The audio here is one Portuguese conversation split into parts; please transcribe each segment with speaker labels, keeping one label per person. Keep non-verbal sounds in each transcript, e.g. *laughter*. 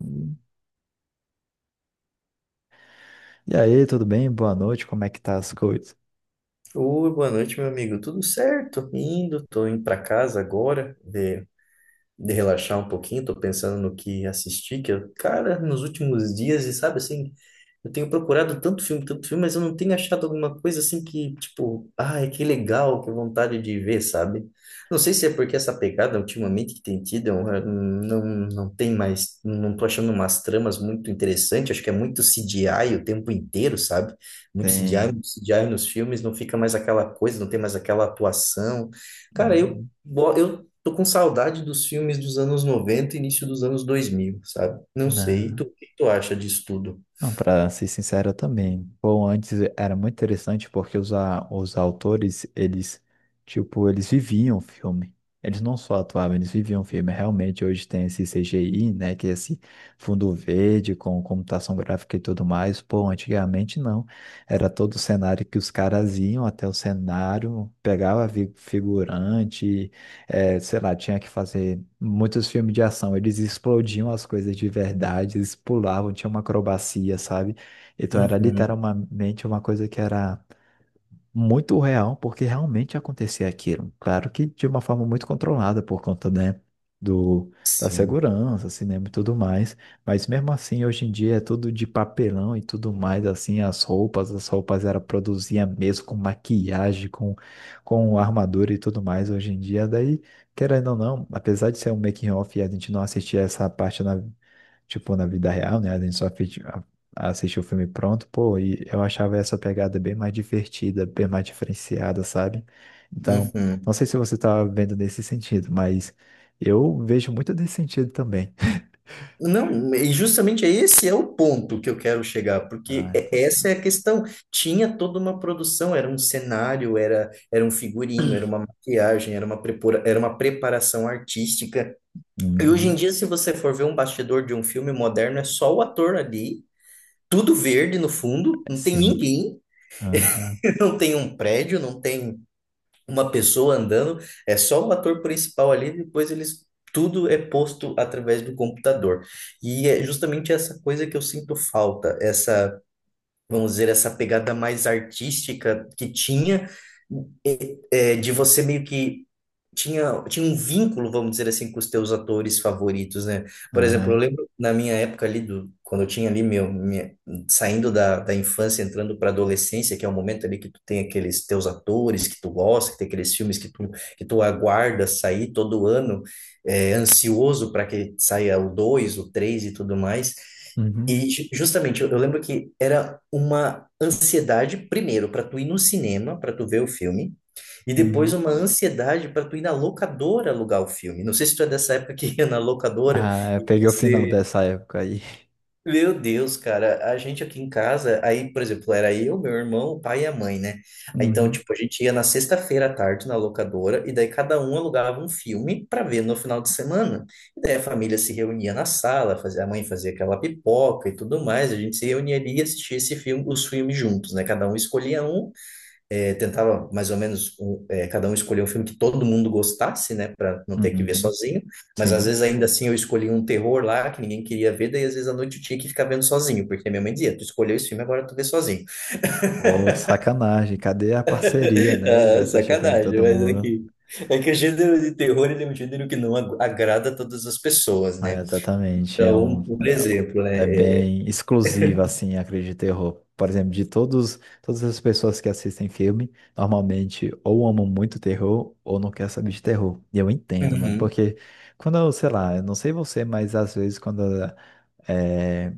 Speaker 1: Hum. E aí, tudo bem? Boa noite, como é que tá as coisas?
Speaker 2: Oi, boa noite, meu amigo. Tudo certo? Tô indo para casa agora, de relaxar um pouquinho, tô pensando no que assisti, que eu, cara, nos últimos dias, e sabe, assim, eu tenho procurado tanto filme, mas eu não tenho achado alguma coisa assim que, tipo, ai, que legal, que vontade de ver, sabe? Não sei se é porque essa pegada ultimamente que tem tido, eu, não tem mais, não tô achando umas tramas muito interessantes. Acho que é muito CGI o tempo inteiro, sabe? Muito CGI,
Speaker 1: Sim,
Speaker 2: muito CGI nos filmes, não fica mais aquela coisa, não tem mais aquela atuação. Cara, eu
Speaker 1: né?
Speaker 2: Bo- Eu tô com saudade dos filmes dos anos 90 e início dos anos 2000, sabe? Não sei, e
Speaker 1: Né.
Speaker 2: tu, o que tu acha disso tudo?
Speaker 1: Não, para ser sincero, eu também. Bom, antes era muito interessante porque os autores, eles, tipo, eles viviam o filme. Eles não só atuavam, eles viviam o filme. Realmente, hoje tem esse CGI, né, que é esse fundo verde com computação gráfica e tudo mais. Pô, antigamente não. Era todo o cenário que os caras iam até o cenário, pegava figurante, É, sei lá, tinha que fazer muitos filmes de ação. Eles explodiam as coisas de verdade, eles pulavam, tinha uma acrobacia, sabe? Então era
Speaker 2: Uhum,
Speaker 1: literalmente uma coisa que era muito real, porque realmente acontecia aquilo. Claro que de uma forma muito controlada por conta, né, do, da
Speaker 2: sim.
Speaker 1: segurança, cinema e tudo mais. Mas mesmo assim, hoje em dia é tudo de papelão e tudo mais, assim, as roupas era produzia mesmo com maquiagem, com armadura e tudo mais hoje em dia. Daí, querendo ou não, apesar de ser um making off e a gente não assistir essa parte na tipo, na vida real, né? A gente só assistiu o filme pronto, pô, e eu achava essa pegada bem mais divertida, bem mais diferenciada, sabe? Então,
Speaker 2: Uhum.
Speaker 1: não sei se você tá vendo nesse sentido, mas eu vejo muito desse sentido também.
Speaker 2: Não, e justamente esse é o ponto que eu quero chegar, porque
Speaker 1: Ah,
Speaker 2: essa é
Speaker 1: interessante.
Speaker 2: a questão. Tinha toda uma produção, era um cenário, era um figurino, era uma maquiagem, era uma preparação artística. E hoje em
Speaker 1: Uhum.
Speaker 2: dia, se você for ver um bastidor de um filme moderno, é só o ator ali, tudo verde no fundo, não tem
Speaker 1: Sim.
Speaker 2: ninguém.
Speaker 1: Aham.
Speaker 2: Não tem um prédio, não tem uma pessoa andando, é só o ator principal ali, depois eles, tudo é posto através do computador. E é justamente essa coisa que eu sinto falta, essa, vamos dizer, essa pegada mais artística que tinha, de você meio que tinha um vínculo, vamos dizer assim, com os teus atores favoritos, né? Por exemplo, eu
Speaker 1: Aham.
Speaker 2: lembro na minha época ali quando eu tinha ali saindo da infância, entrando para adolescência, que é o momento ali que tu tem aqueles teus atores que tu gosta, que tem aqueles filmes que tu aguarda sair todo ano, ansioso para que saia o dois o três e tudo mais.
Speaker 1: Uhum.
Speaker 2: E justamente, eu lembro que era uma ansiedade, primeiro, para tu ir no cinema, para tu ver o filme, e depois
Speaker 1: Uhum.
Speaker 2: uma ansiedade para tu ir na locadora alugar o filme. Não sei se tu é dessa época que ia na locadora
Speaker 1: Ah, eu
Speaker 2: e
Speaker 1: peguei o final
Speaker 2: você,
Speaker 1: dessa época aí.
Speaker 2: meu Deus, cara, a gente aqui em casa, aí, por exemplo, era eu, meu irmão, o pai e a mãe, né? Aí, então,
Speaker 1: Uhum.
Speaker 2: tipo, a gente ia na sexta-feira à tarde na locadora e daí cada um alugava um filme para ver no final de semana. E daí a família se reunia na sala, fazia, a mãe fazia aquela pipoca e tudo mais, a gente se reunia ali e assistia esse filme, os filmes juntos, né? Cada um escolhia um, tentava mais ou menos cada um escolher um filme que todo mundo gostasse, né, para não ter que ver
Speaker 1: Uhum.
Speaker 2: sozinho. Mas às
Speaker 1: Sim.
Speaker 2: vezes ainda assim eu escolhi um terror lá que ninguém queria ver, daí às vezes à noite eu tinha que ficar vendo sozinho, porque minha mãe dizia: "Tu escolheu esse filme, agora tu vê sozinho".
Speaker 1: Pô, sacanagem. Cadê a parceria,
Speaker 2: *laughs*
Speaker 1: né? De
Speaker 2: Ah,
Speaker 1: assistir o filme
Speaker 2: sacanagem,
Speaker 1: todo
Speaker 2: mas é
Speaker 1: mundo?
Speaker 2: que é que o gênero de terror ele é um gênero que não agrada a todas as pessoas,
Speaker 1: Ah,
Speaker 2: né?
Speaker 1: exatamente. É um,
Speaker 2: Então, por
Speaker 1: é, um-
Speaker 2: exemplo, né?
Speaker 1: é bem exclusiva, assim, a crítica de terror. Por exemplo, de todos, todas as pessoas que assistem filme, normalmente ou amam muito terror ou não quer saber de terror. E eu entendo, mano,
Speaker 2: Uhum.
Speaker 1: porque quando eu, sei lá, eu não sei você, mas às vezes quando é,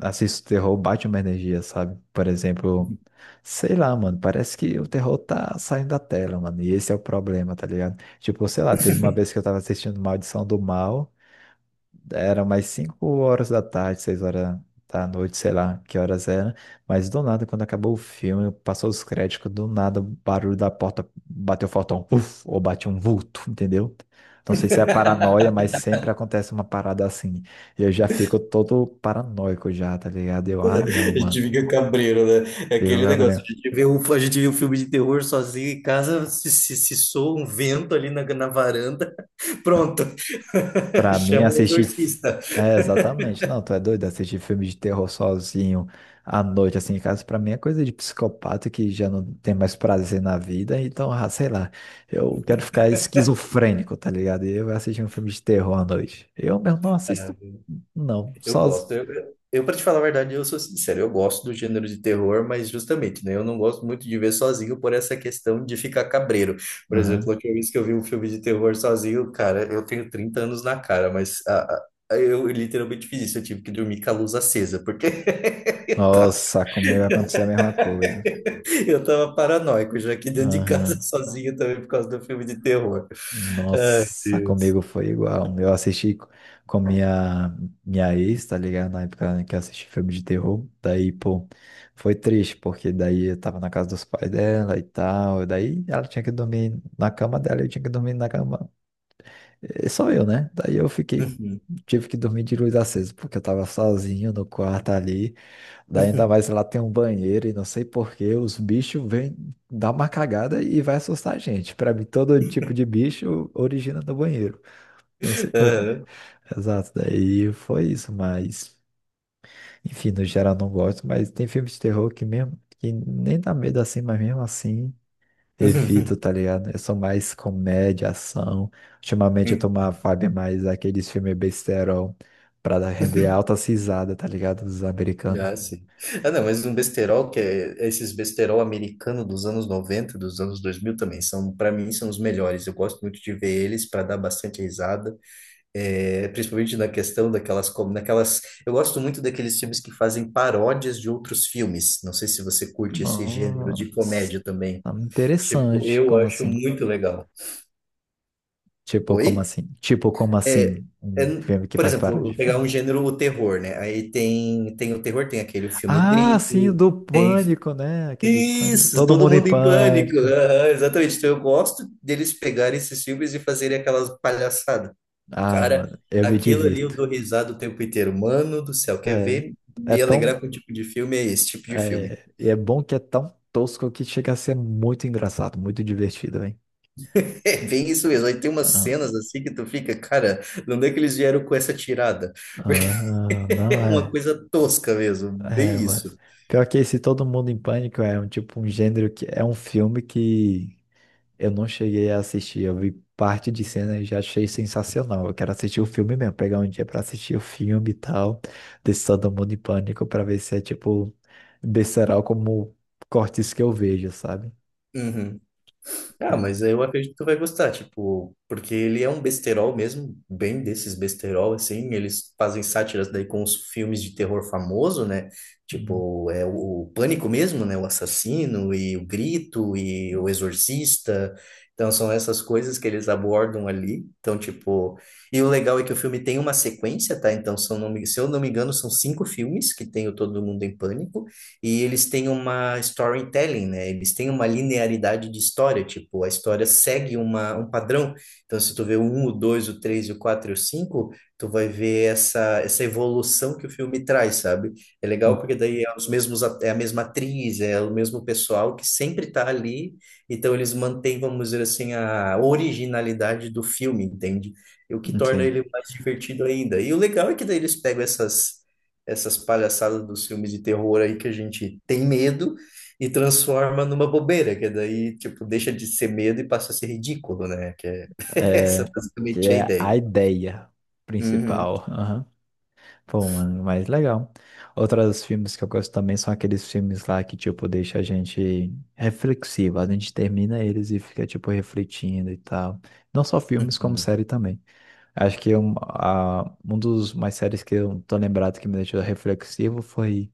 Speaker 1: assisto terror, bate uma energia, sabe? Por exemplo, sei lá, mano, parece que o terror tá saindo da tela, mano, e esse é o problema, tá ligado? Tipo, sei lá, teve uma vez que eu tava assistindo Maldição do Mal. Era mais 5 horas da tarde, 6 horas da noite, sei lá que horas era. Mas do nada, quando acabou o filme, passou os créditos, do nada o barulho da porta bateu fortão, uf, ou bateu um vulto, entendeu? Não sei se é paranoia, mas sempre acontece uma parada assim. E eu já fico todo paranoico já, tá ligado? Eu, ah, não,
Speaker 2: *laughs* A gente
Speaker 1: mano.
Speaker 2: fica cabreiro, né? É
Speaker 1: Digo,
Speaker 2: aquele negócio,
Speaker 1: Gabriel.
Speaker 2: a gente vê um filme de terror sozinho em casa, se soa um vento ali na varanda. *laughs* Pronto. *laughs*
Speaker 1: Pra mim,
Speaker 2: Chama o
Speaker 1: assistir.
Speaker 2: exorcista.
Speaker 1: É, exatamente. Não, tu é doido. Assistir filme de terror sozinho à noite, assim, em casa, pra mim é coisa de psicopata que já não tem mais prazer na vida. Então, ah, sei lá. Eu quero ficar esquizofrênico, tá ligado? E eu vou assistir um filme de terror à noite. Eu mesmo não
Speaker 2: Ah,
Speaker 1: assisto, não.
Speaker 2: eu
Speaker 1: Sozinho.
Speaker 2: gosto. Eu para te falar a verdade, eu sou sincero, eu gosto do gênero de terror, mas justamente, né, eu não gosto muito de ver sozinho por essa questão de ficar cabreiro. Por exemplo, a
Speaker 1: Aham.
Speaker 2: última vez que eu vi um filme de terror sozinho, cara, eu tenho 30 anos na cara, mas eu literalmente fiz isso, eu tive que dormir com a luz acesa, porque
Speaker 1: Nossa, comigo aconteceu a mesma coisa.
Speaker 2: *laughs* eu tava paranoico já aqui dentro de casa *laughs*
Speaker 1: Aham.
Speaker 2: sozinho também por causa do filme de terror. Ai,
Speaker 1: Nossa,
Speaker 2: Deus.
Speaker 1: comigo foi igual. Eu assisti com minha ex, tá ligado? Na época que eu assisti filme de terror. Daí, pô, foi triste, porque daí eu tava na casa dos pais dela e tal. Daí ela tinha que dormir na cama dela, eu tinha que dormir na cama. Só eu, né? Daí eu fiquei,
Speaker 2: Uhum.
Speaker 1: tive que dormir de luz acesa, porque eu tava sozinho no quarto ali. Daí ainda mais lá tem um banheiro e não sei por que os bichos vêm dar uma cagada e vai assustar a gente. Pra mim, todo tipo de bicho origina do banheiro. Não sei por quê.
Speaker 2: Aham.
Speaker 1: Exato, daí foi isso, mas enfim, no geral não gosto, mas tem filmes de terror que mesmo que nem dá medo assim, mas mesmo assim evito,
Speaker 2: *laughs*
Speaker 1: tá ligado? Eu sou mais comédia, ação. Ultimamente eu tô uma vibe mais aqueles filmes besterol pra render alta cisada, tá ligado? Dos americanos.
Speaker 2: Ah, sim. Ah, não, mas um besterol que é esses besterol americano dos anos 90, dos anos 2000, também são, para mim, são os melhores. Eu gosto muito de ver eles para dar bastante risada, é, principalmente na questão daquelas, como naquelas, eu gosto muito daqueles filmes que fazem paródias de outros filmes. Não sei se você curte esse gênero de
Speaker 1: Nossa,
Speaker 2: comédia também.
Speaker 1: tá
Speaker 2: Tipo,
Speaker 1: interessante.
Speaker 2: eu
Speaker 1: Como
Speaker 2: acho
Speaker 1: assim?
Speaker 2: muito legal.
Speaker 1: Tipo, como
Speaker 2: Oi?
Speaker 1: assim? Tipo, como
Speaker 2: É,
Speaker 1: assim?
Speaker 2: é,
Speaker 1: Um filme que
Speaker 2: por
Speaker 1: faz
Speaker 2: exemplo, eu
Speaker 1: paródia
Speaker 2: vou
Speaker 1: de
Speaker 2: pegar um
Speaker 1: filmes.
Speaker 2: gênero, o terror, né? Aí tem o terror, tem aquele filme O
Speaker 1: Ah, sim,
Speaker 2: Grito,
Speaker 1: do
Speaker 2: tem.
Speaker 1: Pânico, né? Aquele Pânico.
Speaker 2: Isso!
Speaker 1: Todo
Speaker 2: Todo
Speaker 1: Mundo em
Speaker 2: mundo em pânico!
Speaker 1: Pânico.
Speaker 2: Aham, exatamente. Então eu gosto deles pegarem esses filmes e fazerem aquelas palhaçadas.
Speaker 1: Ah,
Speaker 2: Cara,
Speaker 1: mano, eu me
Speaker 2: aquilo ali eu
Speaker 1: divirto.
Speaker 2: dou risada o tempo inteiro. Mano do céu, quer
Speaker 1: É,
Speaker 2: ver
Speaker 1: é
Speaker 2: me alegrar
Speaker 1: tão.
Speaker 2: com o tipo de filme? É esse tipo de filme.
Speaker 1: É, e é bom que é tão tosco que chega a ser muito engraçado, muito divertido, hein?
Speaker 2: *laughs* É bem isso mesmo. Aí tem umas
Speaker 1: Ah,
Speaker 2: cenas assim que tu fica, cara, não é que eles vieram com essa tirada?
Speaker 1: ah, não
Speaker 2: É uma
Speaker 1: é.
Speaker 2: coisa tosca mesmo, bem
Speaker 1: É,
Speaker 2: isso.
Speaker 1: mas. Pior que esse Todo Mundo em Pânico é um tipo um gênero que. É um filme que. Eu não cheguei a assistir, eu vi parte de cena e já achei sensacional. Eu quero assistir o filme mesmo, pegar um dia pra assistir o filme e tal, desse Todo Mundo em Pânico, pra ver se é tipo besteirol como cortes que eu vejo, sabe?
Speaker 2: Uhum. Ah,
Speaker 1: É,
Speaker 2: mas
Speaker 1: mas...
Speaker 2: eu acredito que tu vai gostar, tipo, porque ele é um besterol mesmo, bem desses besterol, assim, eles fazem sátiras daí com os filmes de terror famoso, né?
Speaker 1: Uhum.
Speaker 2: Tipo, é o Pânico mesmo, né? O Assassino e o Grito e o Exorcista. Então, são essas coisas que eles abordam ali. Então, tipo, e o legal é que o filme tem uma sequência, tá? Então, se eu não me engano, são cinco filmes que tem o Todo Mundo em Pânico. E eles têm uma storytelling, né? Eles têm uma linearidade de história, tipo, a história segue uma, um padrão. Então, se tu vê o um, o dois, o três, o 4 e o cinco, tu vai ver essa evolução que o filme traz, sabe? É legal
Speaker 1: Uhum.
Speaker 2: porque daí é os mesmos, é a mesma atriz, é o mesmo pessoal que sempre tá ali, então eles mantêm, vamos dizer assim, a originalidade do filme, entende? E o que torna
Speaker 1: Sim,
Speaker 2: ele mais divertido ainda. E o legal é que daí eles pegam essas palhaçadas dos filmes de terror aí que a gente tem medo e transforma numa bobeira, que daí, tipo, deixa de ser medo e passa a ser ridículo, né? Que é *laughs*
Speaker 1: é
Speaker 2: essa
Speaker 1: que
Speaker 2: basicamente é a
Speaker 1: é a
Speaker 2: ideia.
Speaker 1: ideia
Speaker 2: Uhum,
Speaker 1: principal. Pô, mano, mas legal. Outros filmes que eu gosto também são aqueles filmes lá que, tipo, deixa a gente reflexivo. A gente termina eles e fica, tipo, refletindo e tal. Não só filmes, como
Speaker 2: uhum.
Speaker 1: série também. Acho que um dos mais séries que eu tô lembrado que me deixou reflexivo foi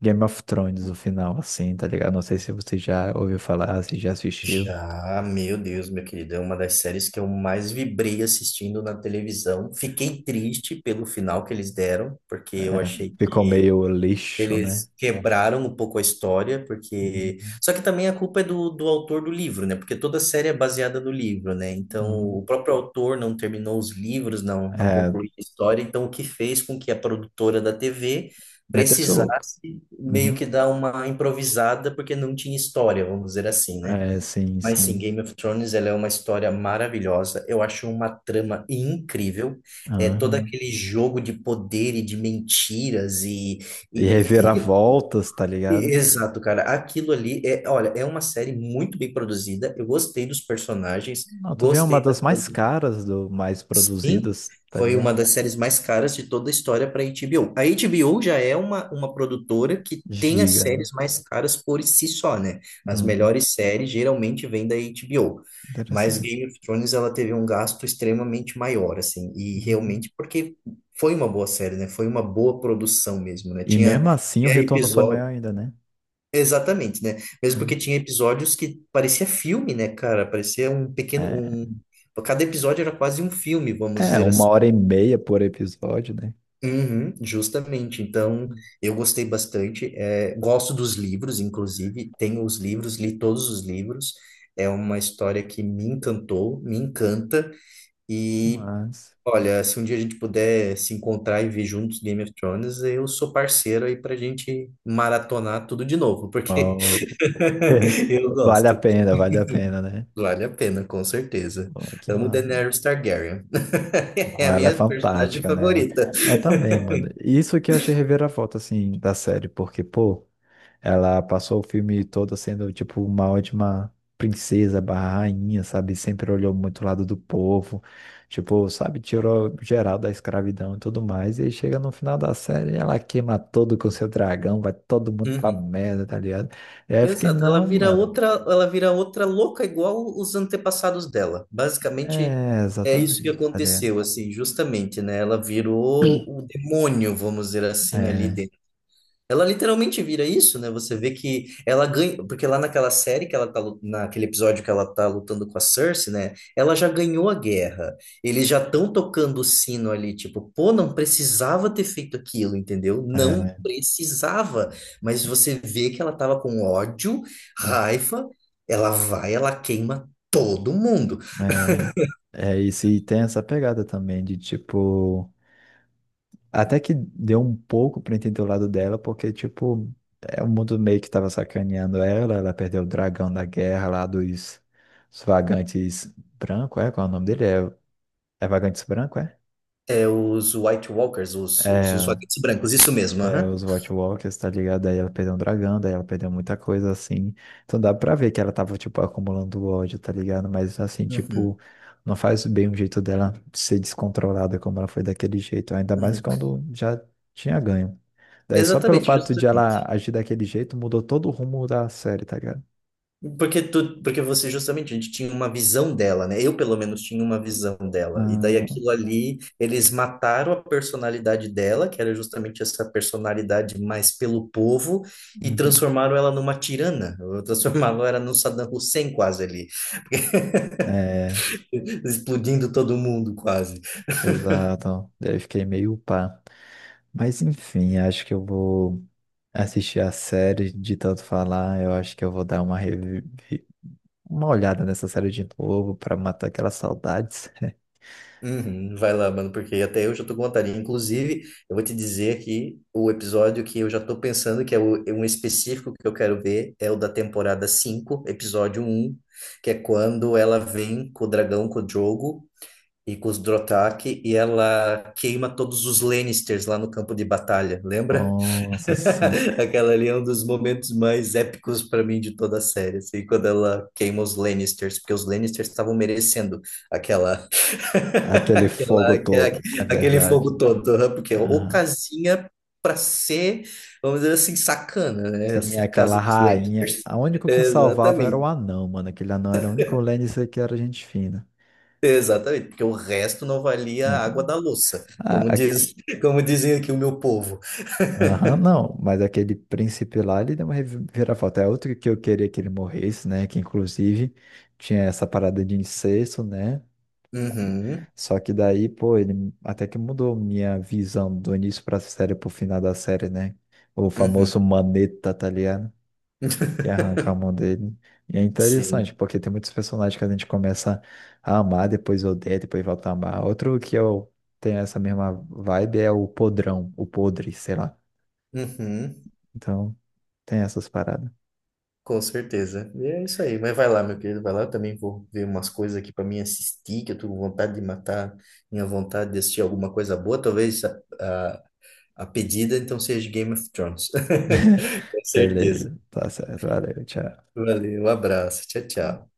Speaker 1: Game of Thrones, o final, assim, tá ligado? Não sei se você já ouviu falar, se já assistiu.
Speaker 2: Já, meu Deus, meu querido, é uma das séries que eu mais vibrei assistindo na televisão. Fiquei triste pelo final que eles deram, porque eu
Speaker 1: É.
Speaker 2: achei
Speaker 1: Ficou
Speaker 2: que
Speaker 1: meio lixo, né?
Speaker 2: eles quebraram um pouco a história. Porque.
Speaker 1: Uhum.
Speaker 2: Só que também a culpa é do autor do livro, né? Porque toda a série é baseada no livro, né? Então, o
Speaker 1: Uhum.
Speaker 2: próprio autor não terminou os livros, não
Speaker 1: É,
Speaker 2: concluiu a história. Então, o que fez com que a produtora da TV
Speaker 1: meteu seu louco.
Speaker 2: precisasse meio que
Speaker 1: Uhum.
Speaker 2: dar uma improvisada, porque não tinha história, vamos dizer assim, né?
Speaker 1: É, sim,
Speaker 2: Mas sim,
Speaker 1: sim.
Speaker 2: Game of Thrones, ela é uma história maravilhosa. Eu acho uma trama incrível. É todo
Speaker 1: Ah,
Speaker 2: aquele jogo de poder e de mentiras
Speaker 1: e
Speaker 2: E, e-
Speaker 1: reviravoltas, tá ligado?
Speaker 2: Exato, cara. Aquilo ali é, olha, é uma série muito bem produzida. Eu gostei dos personagens,
Speaker 1: Não, tu vê uma
Speaker 2: gostei da
Speaker 1: das mais
Speaker 2: produção.
Speaker 1: caras, do mais
Speaker 2: Sim,
Speaker 1: produzidas, tá
Speaker 2: foi uma
Speaker 1: ligado?
Speaker 2: das séries mais caras de toda a história para a HBO. A HBO já é uma produtora que tem as
Speaker 1: Giga, né?
Speaker 2: séries mais caras por si só, né? As
Speaker 1: Uhum.
Speaker 2: melhores séries geralmente vêm da HBO. Mas
Speaker 1: Interessante.
Speaker 2: Game of Thrones ela teve um gasto extremamente maior, assim, e
Speaker 1: Uhum.
Speaker 2: realmente porque foi uma boa série, né? Foi uma boa produção mesmo, né?
Speaker 1: E
Speaker 2: Tinha
Speaker 1: mesmo assim o
Speaker 2: tinha
Speaker 1: retorno foi
Speaker 2: episódio.
Speaker 1: maior ainda, né?
Speaker 2: Exatamente, né? Mesmo
Speaker 1: Uhum.
Speaker 2: porque tinha episódios que parecia filme, né, cara? Parecia um pequeno,
Speaker 1: É,
Speaker 2: um. Cada episódio era quase um filme, vamos
Speaker 1: é,
Speaker 2: dizer
Speaker 1: uma
Speaker 2: assim.
Speaker 1: hora e meia por episódio, né?
Speaker 2: Uhum, justamente. Então, eu gostei bastante. É, gosto dos livros, inclusive. Tenho os livros, li todos os livros. É uma história que me encantou, me encanta. E,
Speaker 1: Mas.
Speaker 2: olha, se um dia a gente puder se encontrar e ver juntos Game of Thrones, eu sou parceiro aí pra gente maratonar tudo de novo, porque
Speaker 1: Ó, *laughs*
Speaker 2: *laughs* eu
Speaker 1: vale a
Speaker 2: gosto.
Speaker 1: pena, vale a pena, né?
Speaker 2: Vale a pena, com certeza.
Speaker 1: Pô, que
Speaker 2: Amo
Speaker 1: massa.
Speaker 2: Daenerys Targaryen. *laughs* É
Speaker 1: Não,
Speaker 2: a
Speaker 1: ela é
Speaker 2: minha personagem
Speaker 1: fantástica, né, mano?
Speaker 2: favorita.
Speaker 1: Eu também, mano. Isso que eu achei reviravolta, assim, da série, porque, pô. Ela passou o filme todo sendo, tipo, uma ótima princesa barra rainha, sabe? Sempre olhou muito o lado do povo, tipo, sabe? Tirou geral da escravidão e tudo mais. E aí chega no final da série, ela queima todo com seu dragão, vai todo mundo pra
Speaker 2: Uhum.
Speaker 1: merda, tá ligado? E aí eu fiquei,
Speaker 2: Exato,
Speaker 1: não, mano.
Speaker 2: ela vira outra louca igual os antepassados dela. Basicamente
Speaker 1: É,
Speaker 2: é isso que
Speaker 1: exatamente, tá ligado?
Speaker 2: aconteceu, assim, justamente, né? Ela virou o demônio, vamos dizer assim, ali.
Speaker 1: É,
Speaker 2: Ela literalmente vira isso, né? Você vê que ela ganha, porque lá naquela série que ela tá, naquele episódio que ela tá lutando com a Cersei, né? Ela já ganhou a guerra. Eles já estão tocando o sino ali, tipo, pô, não precisava ter feito aquilo, entendeu? Não
Speaker 1: é,
Speaker 2: precisava. Mas você vê que ela tava com ódio, raiva, ela vai, ela queima todo mundo.
Speaker 1: é. É, e se tem essa pegada também de, tipo. Até que deu um pouco pra entender o lado dela, porque, tipo, é o mundo meio que tava sacaneando ela, ela perdeu o dragão da guerra lá dos, dos vagantes branco, é? Qual é o nome dele? É, vagantes branco, é?
Speaker 2: É, os White Walkers, os
Speaker 1: É,
Speaker 2: vagantes brancos, isso mesmo,
Speaker 1: É,
Speaker 2: aham.
Speaker 1: os White Walkers, tá ligado? Aí ela perdeu um dragão, daí ela perdeu muita coisa assim. Então dá pra ver que ela tava, tipo, acumulando ódio, tá ligado? Mas assim,
Speaker 2: Uhum,
Speaker 1: tipo, não faz bem o jeito dela ser descontrolada como ela foi daquele jeito. Ainda mais
Speaker 2: uhum.
Speaker 1: quando já tinha ganho. Daí só pelo
Speaker 2: Exatamente,
Speaker 1: fato de ela
Speaker 2: justamente.
Speaker 1: agir daquele jeito, mudou todo o rumo da série, tá ligado?
Speaker 2: Porque você justamente, a gente tinha uma visão dela, né? Eu, pelo menos, tinha uma visão dela. E daí
Speaker 1: Ah,
Speaker 2: aquilo ali, eles mataram a personalidade dela, que era justamente essa personalidade mais pelo povo, e
Speaker 1: uhum.
Speaker 2: transformaram ela numa tirana. Transformaram ela num Saddam Hussein quase ali, *laughs*
Speaker 1: É,
Speaker 2: explodindo todo mundo quase.
Speaker 1: exato. Daí eu fiquei meio pá. Mas enfim, acho que eu vou. Assistir a série de tanto falar, eu acho que eu vou dar uma, uma olhada nessa série de novo pra matar aquelas saudades.
Speaker 2: Uhum, vai lá, mano, porque até eu já tô com vontade. Inclusive, eu vou te dizer aqui o episódio que eu já tô pensando que é é um específico que eu quero ver é o da temporada 5 episódio 1 que é quando ela vem com o dragão, com o Drogo e com os Dothraki e ela queima todos os Lannisters lá no campo de batalha,
Speaker 1: *laughs*
Speaker 2: lembra?
Speaker 1: Nossa, sim.
Speaker 2: *laughs* Aquela ali é um dos momentos mais épicos para mim de toda a série, assim, quando ela queima os Lannisters, porque os Lannisters estavam merecendo aquela
Speaker 1: Aquele
Speaker 2: Aquela-
Speaker 1: fogo
Speaker 2: aquela-
Speaker 1: todo, é
Speaker 2: aquele
Speaker 1: verdade.
Speaker 2: fogo todo, né? Porque
Speaker 1: Aham.
Speaker 2: ocasião para ser, vamos dizer assim, sacana, né?
Speaker 1: Sim,
Speaker 2: Essa
Speaker 1: aquela
Speaker 2: casa dos
Speaker 1: rainha.
Speaker 2: Lakers.
Speaker 1: A único que salvava era o
Speaker 2: Exatamente,
Speaker 1: anão, mano. Aquele anão era o único Lannister que era gente fina.
Speaker 2: exatamente, porque o resto não valia
Speaker 1: É.
Speaker 2: a água da louça,
Speaker 1: Ah,
Speaker 2: como
Speaker 1: aque-.
Speaker 2: diz, como dizem aqui o meu povo.
Speaker 1: Aham, não. Mas aquele príncipe lá, ele deu uma reviravolta. É outro que eu queria que ele morresse, né? Que inclusive tinha essa parada de incesto, né?
Speaker 2: Uhum,
Speaker 1: Só que daí, pô, ele até que mudou minha visão do início pra série pro final da série, né? O famoso
Speaker 2: uhum,
Speaker 1: Maneta, tá ligado? Que arranca a mão dele. E é
Speaker 2: sim,
Speaker 1: interessante, porque tem muitos personagens que a gente começa a amar, depois odeia, depois volta a amar. Outro que eu tenho essa mesma vibe é o Podrão, o Podre, sei lá.
Speaker 2: uhum,
Speaker 1: Então, tem essas paradas.
Speaker 2: com certeza. E é isso aí, mas vai lá, meu querido, vai lá, eu também vou ver umas coisas aqui para mim assistir, que eu tô com vontade de matar minha vontade de assistir alguma coisa boa, talvez. ah, A pedida, então, seja Game of Thrones. *laughs* Com certeza.
Speaker 1: Beleza, tá certo, valeu, tchau.
Speaker 2: Valeu, um abraço. Tchau, tchau.